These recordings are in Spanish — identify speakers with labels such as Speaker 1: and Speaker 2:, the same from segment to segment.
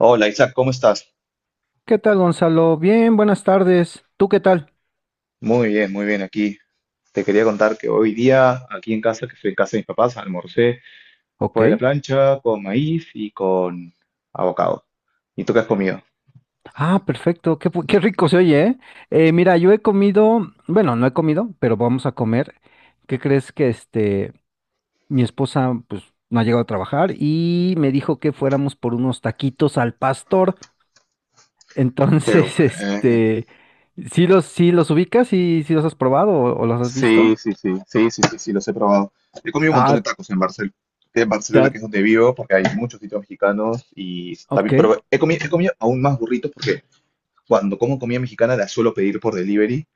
Speaker 1: Hola Isaac, ¿cómo estás?
Speaker 2: ¿Qué tal, Gonzalo? Bien, buenas tardes. ¿Tú qué tal?
Speaker 1: Muy bien aquí. Te quería contar que hoy día, aquí en casa, que estoy en casa de mis papás, almorcé
Speaker 2: Ok.
Speaker 1: fue la plancha con maíz y con avocado. ¿Y tú qué has comido?
Speaker 2: Ah, perfecto. Qué rico se oye, ¿eh? Mira, yo he comido, bueno, no he comido, pero vamos a comer. ¿Qué crees que mi esposa, pues, no ha llegado a trabajar y me dijo que fuéramos por unos taquitos al pastor.
Speaker 1: Qué
Speaker 2: Entonces,
Speaker 1: bueno.
Speaker 2: ¿Sí los ubicas? ¿Y si los has probado o los has
Speaker 1: Sí,
Speaker 2: visto?
Speaker 1: sí, sí, sí, sí, sí, sí, los he probado. He comido un montón de
Speaker 2: Ah,
Speaker 1: tacos en Barcelona, que
Speaker 2: ta-
Speaker 1: es donde vivo, porque hay muchos sitios mexicanos y
Speaker 2: ok,
Speaker 1: también, pero he comido aún más burritos porque cuando como comida mexicana la suelo pedir por delivery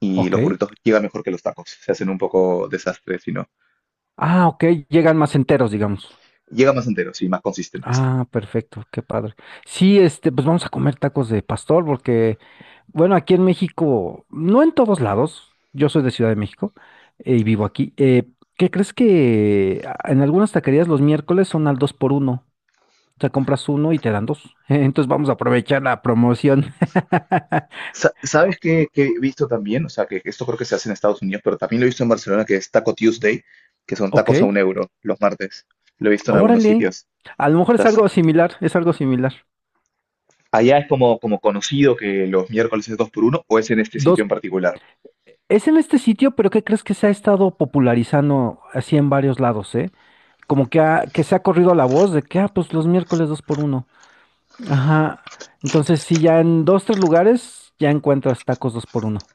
Speaker 1: y
Speaker 2: ok.
Speaker 1: los burritos llegan mejor que los tacos. Se hacen un poco desastres,
Speaker 2: Ah, ok, llegan más enteros, digamos.
Speaker 1: llega más enteros y más consistentes.
Speaker 2: Ah, perfecto, qué padre. Sí, pues vamos a comer tacos de pastor porque, bueno, aquí en México, no en todos lados, yo soy de Ciudad de México y vivo aquí. ¿Qué crees que en algunas taquerías los miércoles son al dos por uno? O sea, compras uno y te dan dos. Entonces vamos a aprovechar la promoción.
Speaker 1: ¿Sabes qué he visto también? O sea, que esto creo que se hace en Estados Unidos, pero también lo he visto en Barcelona, que es Taco Tuesday, que son
Speaker 2: Ok,
Speaker 1: tacos a 1 € los martes. Lo he visto en algunos
Speaker 2: órale.
Speaker 1: sitios.
Speaker 2: A lo mejor es
Speaker 1: Estás-
Speaker 2: algo similar, es algo similar.
Speaker 1: Allá es como conocido que los miércoles es dos por uno, o es en este sitio
Speaker 2: Dos,
Speaker 1: en particular.
Speaker 2: es en este sitio, pero ¿qué crees que se ha estado popularizando así en varios lados, eh? Como que, que se ha corrido la voz de que, ah, pues los miércoles dos por uno. Ajá. Entonces, sí, ya en dos, tres lugares ya encuentras tacos dos por uno.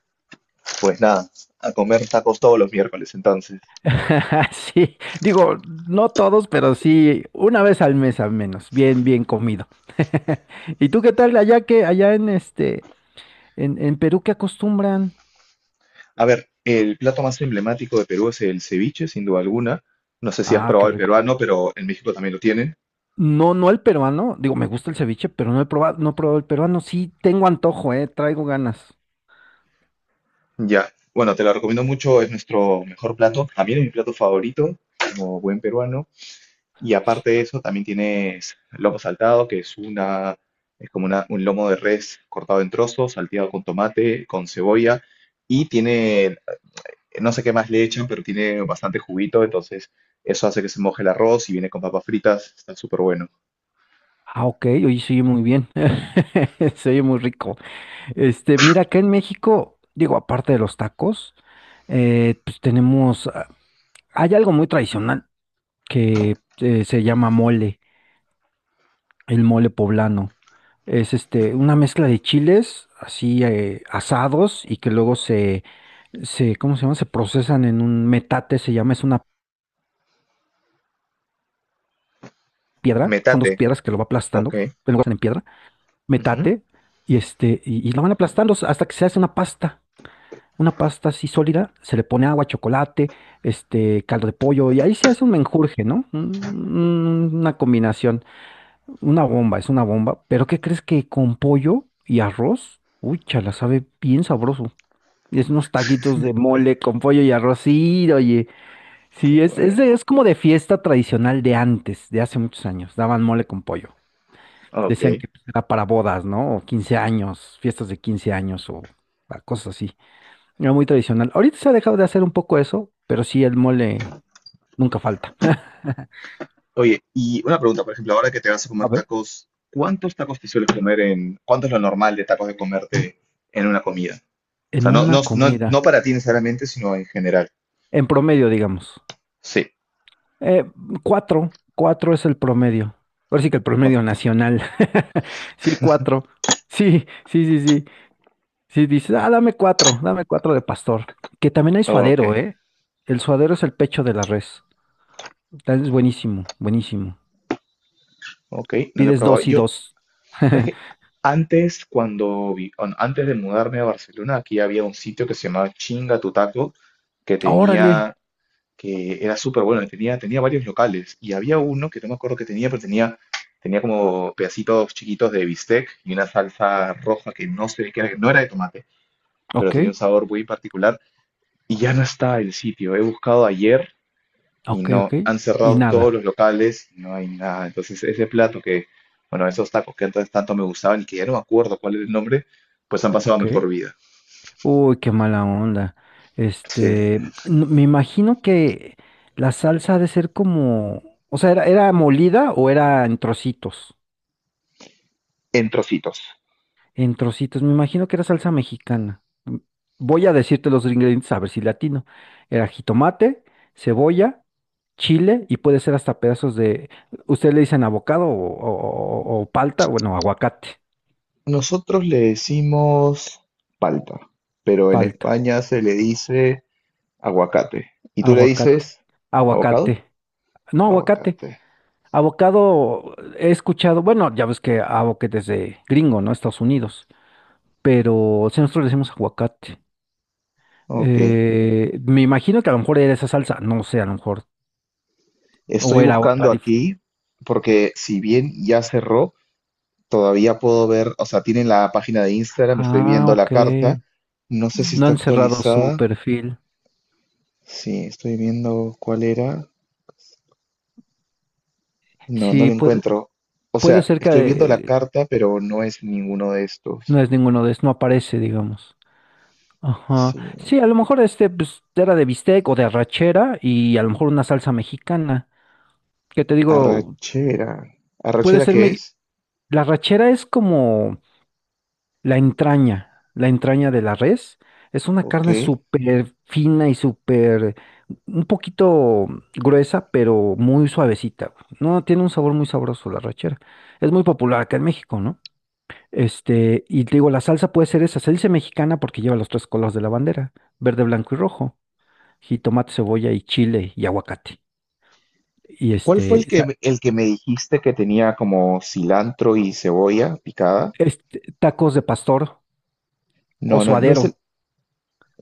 Speaker 1: Pues nada, a comer tacos todos los miércoles entonces.
Speaker 2: Sí, digo, no todos, pero sí, una vez al mes al menos, bien, bien comido. ¿Y tú qué tal allá en Perú qué acostumbran?
Speaker 1: A ver, el plato más emblemático de Perú es el ceviche, sin duda alguna. No sé si has
Speaker 2: Ah,
Speaker 1: probado
Speaker 2: qué
Speaker 1: el
Speaker 2: rico.
Speaker 1: peruano, pero en México también lo tienen.
Speaker 2: No, no el peruano, digo, me gusta el ceviche, pero no he probado el peruano, sí tengo antojo, traigo ganas.
Speaker 1: Ya, bueno, te la recomiendo mucho, es nuestro mejor plato. También es mi plato favorito, como buen peruano. Y aparte de eso, también tienes lomo saltado, que es una, es como una- un lomo de res cortado en trozos, salteado con tomate, con cebolla. Y tiene, no sé qué más le echan, pero tiene bastante juguito, entonces eso hace que se moje el arroz y viene con papas fritas, está súper bueno.
Speaker 2: Ah, ok, oye, se oye muy bien, se oye muy rico. Mira, acá en México, digo, aparte de los tacos, pues tenemos, hay algo muy tradicional que se llama mole, el mole poblano. Es una mezcla de chiles así asados y que luego ¿cómo se llama? Se procesan en un metate, se llama, es una piedra, son
Speaker 1: Metate,
Speaker 2: dos piedras que lo va
Speaker 1: ok.
Speaker 2: aplastando, en lugar de en piedra,
Speaker 1: Ujú.
Speaker 2: metate, y lo van aplastando hasta que se hace una pasta. Una pasta así sólida, se le pone agua, chocolate, caldo de pollo, y ahí se hace un menjurje, ¿no? Una combinación, una bomba, es una bomba, pero ¿qué crees que con pollo y arroz? Uy, chala, sabe bien sabroso. Y es unos taquitos de mole con pollo y arroz, sí, oye, sí, es, es,
Speaker 1: Bueno,
Speaker 2: de- es como de fiesta tradicional de antes, de hace muchos años, daban mole con pollo.
Speaker 1: ok.
Speaker 2: Decían que pues, era para bodas, ¿no? O 15 años, fiestas de 15 años o cosas así. Era muy tradicional. Ahorita se ha dejado de hacer un poco eso, pero sí el mole nunca falta.
Speaker 1: Oye, y una pregunta, por ejemplo, ahora que te vas a
Speaker 2: A
Speaker 1: comer
Speaker 2: ver.
Speaker 1: tacos, ¿cuántos tacos te sueles comer cuánto es lo normal de tacos de comerte en una comida? O
Speaker 2: En
Speaker 1: sea, no, no,
Speaker 2: una
Speaker 1: no, no
Speaker 2: comida,
Speaker 1: para ti necesariamente, sino en general.
Speaker 2: en promedio, digamos.
Speaker 1: Sí.
Speaker 2: Eh, cuatro es el promedio. Ahora sí que el
Speaker 1: No,
Speaker 2: promedio nacional. Sí, cuatro. Sí, sí, sí, sí. Sí, dices, ah, dame cuatro de pastor. Que también hay
Speaker 1: ok,
Speaker 2: suadero, ¿eh? El suadero es el pecho de la res. Es buenísimo, buenísimo.
Speaker 1: ok, no lo he
Speaker 2: Pides
Speaker 1: probado.
Speaker 2: dos y
Speaker 1: Yo,
Speaker 2: dos.
Speaker 1: ¿sabes qué? Antes, cuando antes de mudarme a Barcelona, aquí había un sitio que se llamaba Chinga tu Taco, que
Speaker 2: Órale.
Speaker 1: tenía que era súper bueno, tenía, tenía, varios locales y había uno que no me acuerdo que tenía, pero tenía como pedacitos chiquitos de bistec y una salsa roja que no sé qué era, que no era de tomate, pero
Speaker 2: Ok,
Speaker 1: tenía un sabor muy particular y ya no está el sitio. He buscado ayer y
Speaker 2: ok,
Speaker 1: no,
Speaker 2: ok.
Speaker 1: han
Speaker 2: Y
Speaker 1: cerrado todos
Speaker 2: nada.
Speaker 1: los locales, no hay nada. Entonces bueno, esos tacos que antes tanto me gustaban y que ya no me acuerdo cuál era el nombre, pues han pasado a
Speaker 2: Ok.
Speaker 1: mejor vida.
Speaker 2: Uy, qué mala onda.
Speaker 1: Sí,
Speaker 2: Este, n- me imagino que la salsa ha de ser como, o sea, ¿era molida o era en trocitos?
Speaker 1: en trocitos.
Speaker 2: En trocitos, me imagino que era salsa mexicana. Voy a decirte los ingredientes a ver si latino. Era jitomate, cebolla, chile y puede ser hasta pedazos de, ustedes le dicen abocado o palta, bueno, aguacate,
Speaker 1: Nosotros le decimos palta, pero en
Speaker 2: palta,
Speaker 1: España se le dice aguacate. ¿Y tú le
Speaker 2: aguacate,
Speaker 1: dices abocado?
Speaker 2: aguacate. No, aguacate.
Speaker 1: Aguacate.
Speaker 2: Avocado, he escuchado, bueno, ya ves que avocado es de gringo, ¿no? Estados Unidos, pero si nosotros le decimos aguacate,
Speaker 1: Ok.
Speaker 2: Me imagino que a lo mejor era esa salsa, no sé, a lo mejor, o
Speaker 1: Estoy
Speaker 2: era otra.
Speaker 1: buscando aquí porque si bien ya cerró, todavía puedo ver, o sea, tienen la página de Instagram, estoy
Speaker 2: Ah,
Speaker 1: viendo la
Speaker 2: ok.
Speaker 1: carta. No sé si
Speaker 2: No
Speaker 1: está
Speaker 2: han cerrado su
Speaker 1: actualizada.
Speaker 2: perfil.
Speaker 1: Sí, estoy viendo cuál era. No, no la
Speaker 2: Sí, puede,
Speaker 1: encuentro. O
Speaker 2: puede
Speaker 1: sea,
Speaker 2: ser que
Speaker 1: estoy viendo la carta, pero no es ninguno de
Speaker 2: no
Speaker 1: estos.
Speaker 2: es ninguno de esos, no aparece, digamos. Ajá.
Speaker 1: Sí.
Speaker 2: Sí, a lo mejor pues, era de bistec o de arrachera y a lo mejor una salsa mexicana. Que te digo,
Speaker 1: Arrachera.
Speaker 2: puede
Speaker 1: ¿Arrachera
Speaker 2: ser
Speaker 1: qué
Speaker 2: me
Speaker 1: es?
Speaker 2: la arrachera es como la entraña, la entraña de la res, es una
Speaker 1: Ok.
Speaker 2: carne súper fina y súper, un poquito gruesa, pero muy suavecita. Güey. No, tiene un sabor muy sabroso la rachera. Es muy popular acá en México, ¿no? Y te digo, la salsa puede ser esa, salsa mexicana porque lleva los tres colores de la bandera, verde, blanco y rojo, jitomate, cebolla y chile y aguacate. Y
Speaker 1: ¿Cuál fue el
Speaker 2: este,
Speaker 1: que,
Speaker 2: sa-
Speaker 1: me- el que me dijiste que tenía como cilantro y cebolla picada?
Speaker 2: Tacos de pastor o
Speaker 1: No, no, no es el
Speaker 2: suadero.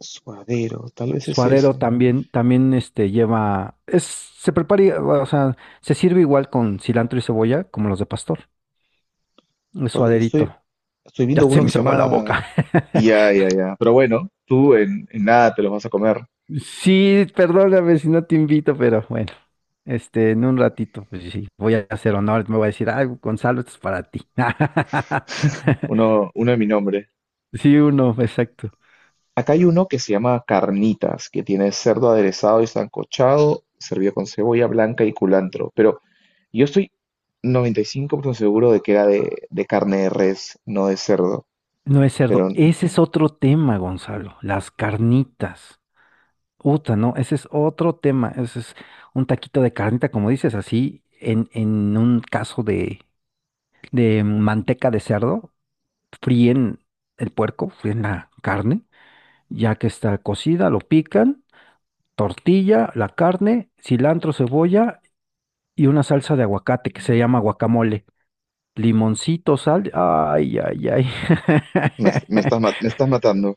Speaker 1: suadero, tal vez es
Speaker 2: Suadero
Speaker 1: ese.
Speaker 2: también lleva, se prepara, o sea, se sirve igual con cilantro y cebolla como los de pastor. El
Speaker 1: Porque
Speaker 2: suaderito.
Speaker 1: estoy
Speaker 2: Ya
Speaker 1: viendo
Speaker 2: se
Speaker 1: uno
Speaker 2: me
Speaker 1: que se
Speaker 2: hizo agua la
Speaker 1: llama.
Speaker 2: boca.
Speaker 1: Ya, ya, ya. Pero bueno, tú en nada te los vas a comer.
Speaker 2: Sí, perdóname si no te invito, pero bueno, en un ratito, pues sí, voy a hacer honor, me voy a decir, ah, Gonzalo, esto es para ti.
Speaker 1: Uno de mi nombre.
Speaker 2: Sí, uno, exacto.
Speaker 1: Acá hay uno que se llama carnitas, que tiene cerdo aderezado y sancochado, servido con cebolla blanca y culantro. Pero yo estoy 95% seguro de que era de carne de res, no de cerdo,
Speaker 2: No es cerdo.
Speaker 1: pero
Speaker 2: Ese es otro tema, Gonzalo, las carnitas. Uta, no, ese es otro tema, ese es un taquito de carnita, como dices, así, en un caso de, manteca de cerdo, fríen el puerco, fríen la carne, ya que está cocida, lo pican, tortilla, la carne, cilantro, cebolla y una salsa de aguacate que se llama guacamole, limoncito, sal, ay, ay, ay.
Speaker 1: me estás, ma- me estás matando.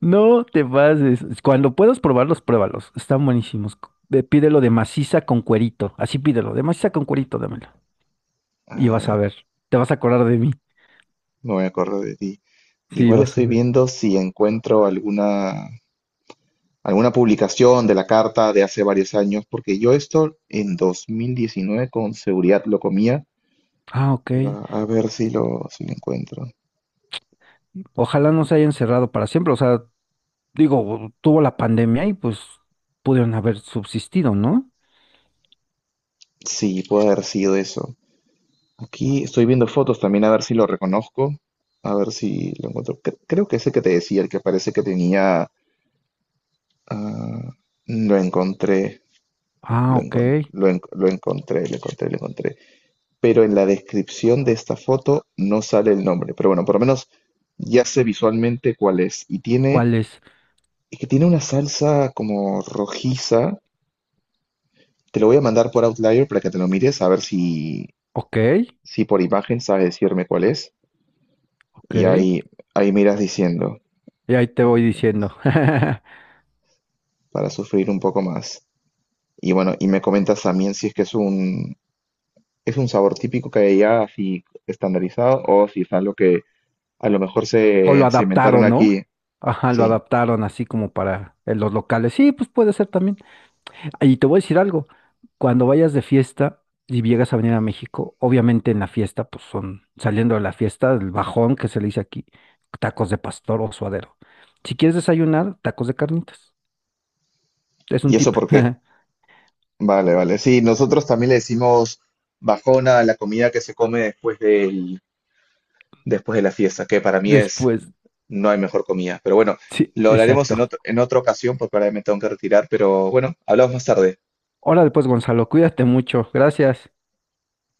Speaker 2: No te pases. Cuando puedas probarlos, pruébalos. Están buenísimos. Pídelo de maciza con cuerito. Así pídelo, de maciza con cuerito, dámelo.
Speaker 1: A
Speaker 2: Y vas a
Speaker 1: ver,
Speaker 2: ver. Te vas a acordar de mí.
Speaker 1: no me acuerdo de ti.
Speaker 2: Sí,
Speaker 1: Igual
Speaker 2: vas a
Speaker 1: estoy
Speaker 2: ver.
Speaker 1: viendo si encuentro alguna publicación de la carta de hace varios años, porque yo esto en 2019 con seguridad lo comía,
Speaker 2: Ah, ok.
Speaker 1: pero a ver si lo encuentro.
Speaker 2: Ojalá no se hayan cerrado para siempre. O sea, digo, tuvo la pandemia y pues pudieron haber subsistido, ¿no?
Speaker 1: Sí, puede haber sido eso. Aquí estoy viendo fotos también a ver si lo reconozco, a ver si lo encuentro. Creo que ese que te decía, el que parece que tenía. Ah, lo encontré,
Speaker 2: Ah, ok.
Speaker 1: lo encontré, lo encontré, lo encontré. Pero en la descripción de esta foto no sale el nombre. Pero bueno, por lo menos ya sé visualmente cuál es. Y tiene,
Speaker 2: ¿Cuál es?
Speaker 1: es que tiene una salsa como rojiza. Te lo voy a mandar por Outlier para que te lo mires, a ver si,
Speaker 2: Ok,
Speaker 1: si por imagen sabes decirme cuál es.
Speaker 2: ok.
Speaker 1: Y ahí miras diciendo.
Speaker 2: Y ahí te
Speaker 1: A
Speaker 2: voy
Speaker 1: ver,
Speaker 2: diciendo.
Speaker 1: para sufrir un poco más. Y bueno, y me comentas también si es que es un sabor típico que hay allá, así estandarizado, o si es algo que a lo mejor
Speaker 2: O lo
Speaker 1: se inventaron
Speaker 2: adaptaron, ¿no?
Speaker 1: aquí.
Speaker 2: Ajá, lo
Speaker 1: Sí.
Speaker 2: adaptaron así como para los locales. Sí, pues puede ser también. Y te voy a decir algo, cuando vayas de fiesta y llegas a venir a México, obviamente en la fiesta, pues son, saliendo de la fiesta, el bajón que se le dice aquí, tacos de pastor o suadero. Si quieres desayunar, tacos de carnitas. Es un
Speaker 1: Y eso
Speaker 2: tip.
Speaker 1: porque, vale, vale. Sí, nosotros también le decimos bajona a la comida que se come después de la fiesta, que para mí
Speaker 2: Después,
Speaker 1: no hay mejor comida. Pero bueno,
Speaker 2: sí,
Speaker 1: lo hablaremos en
Speaker 2: exacto.
Speaker 1: otro, en otra ocasión, porque ahora me tengo que retirar, pero bueno, hablamos más tarde.
Speaker 2: Órale, pues, Gonzalo, cuídate mucho. Gracias.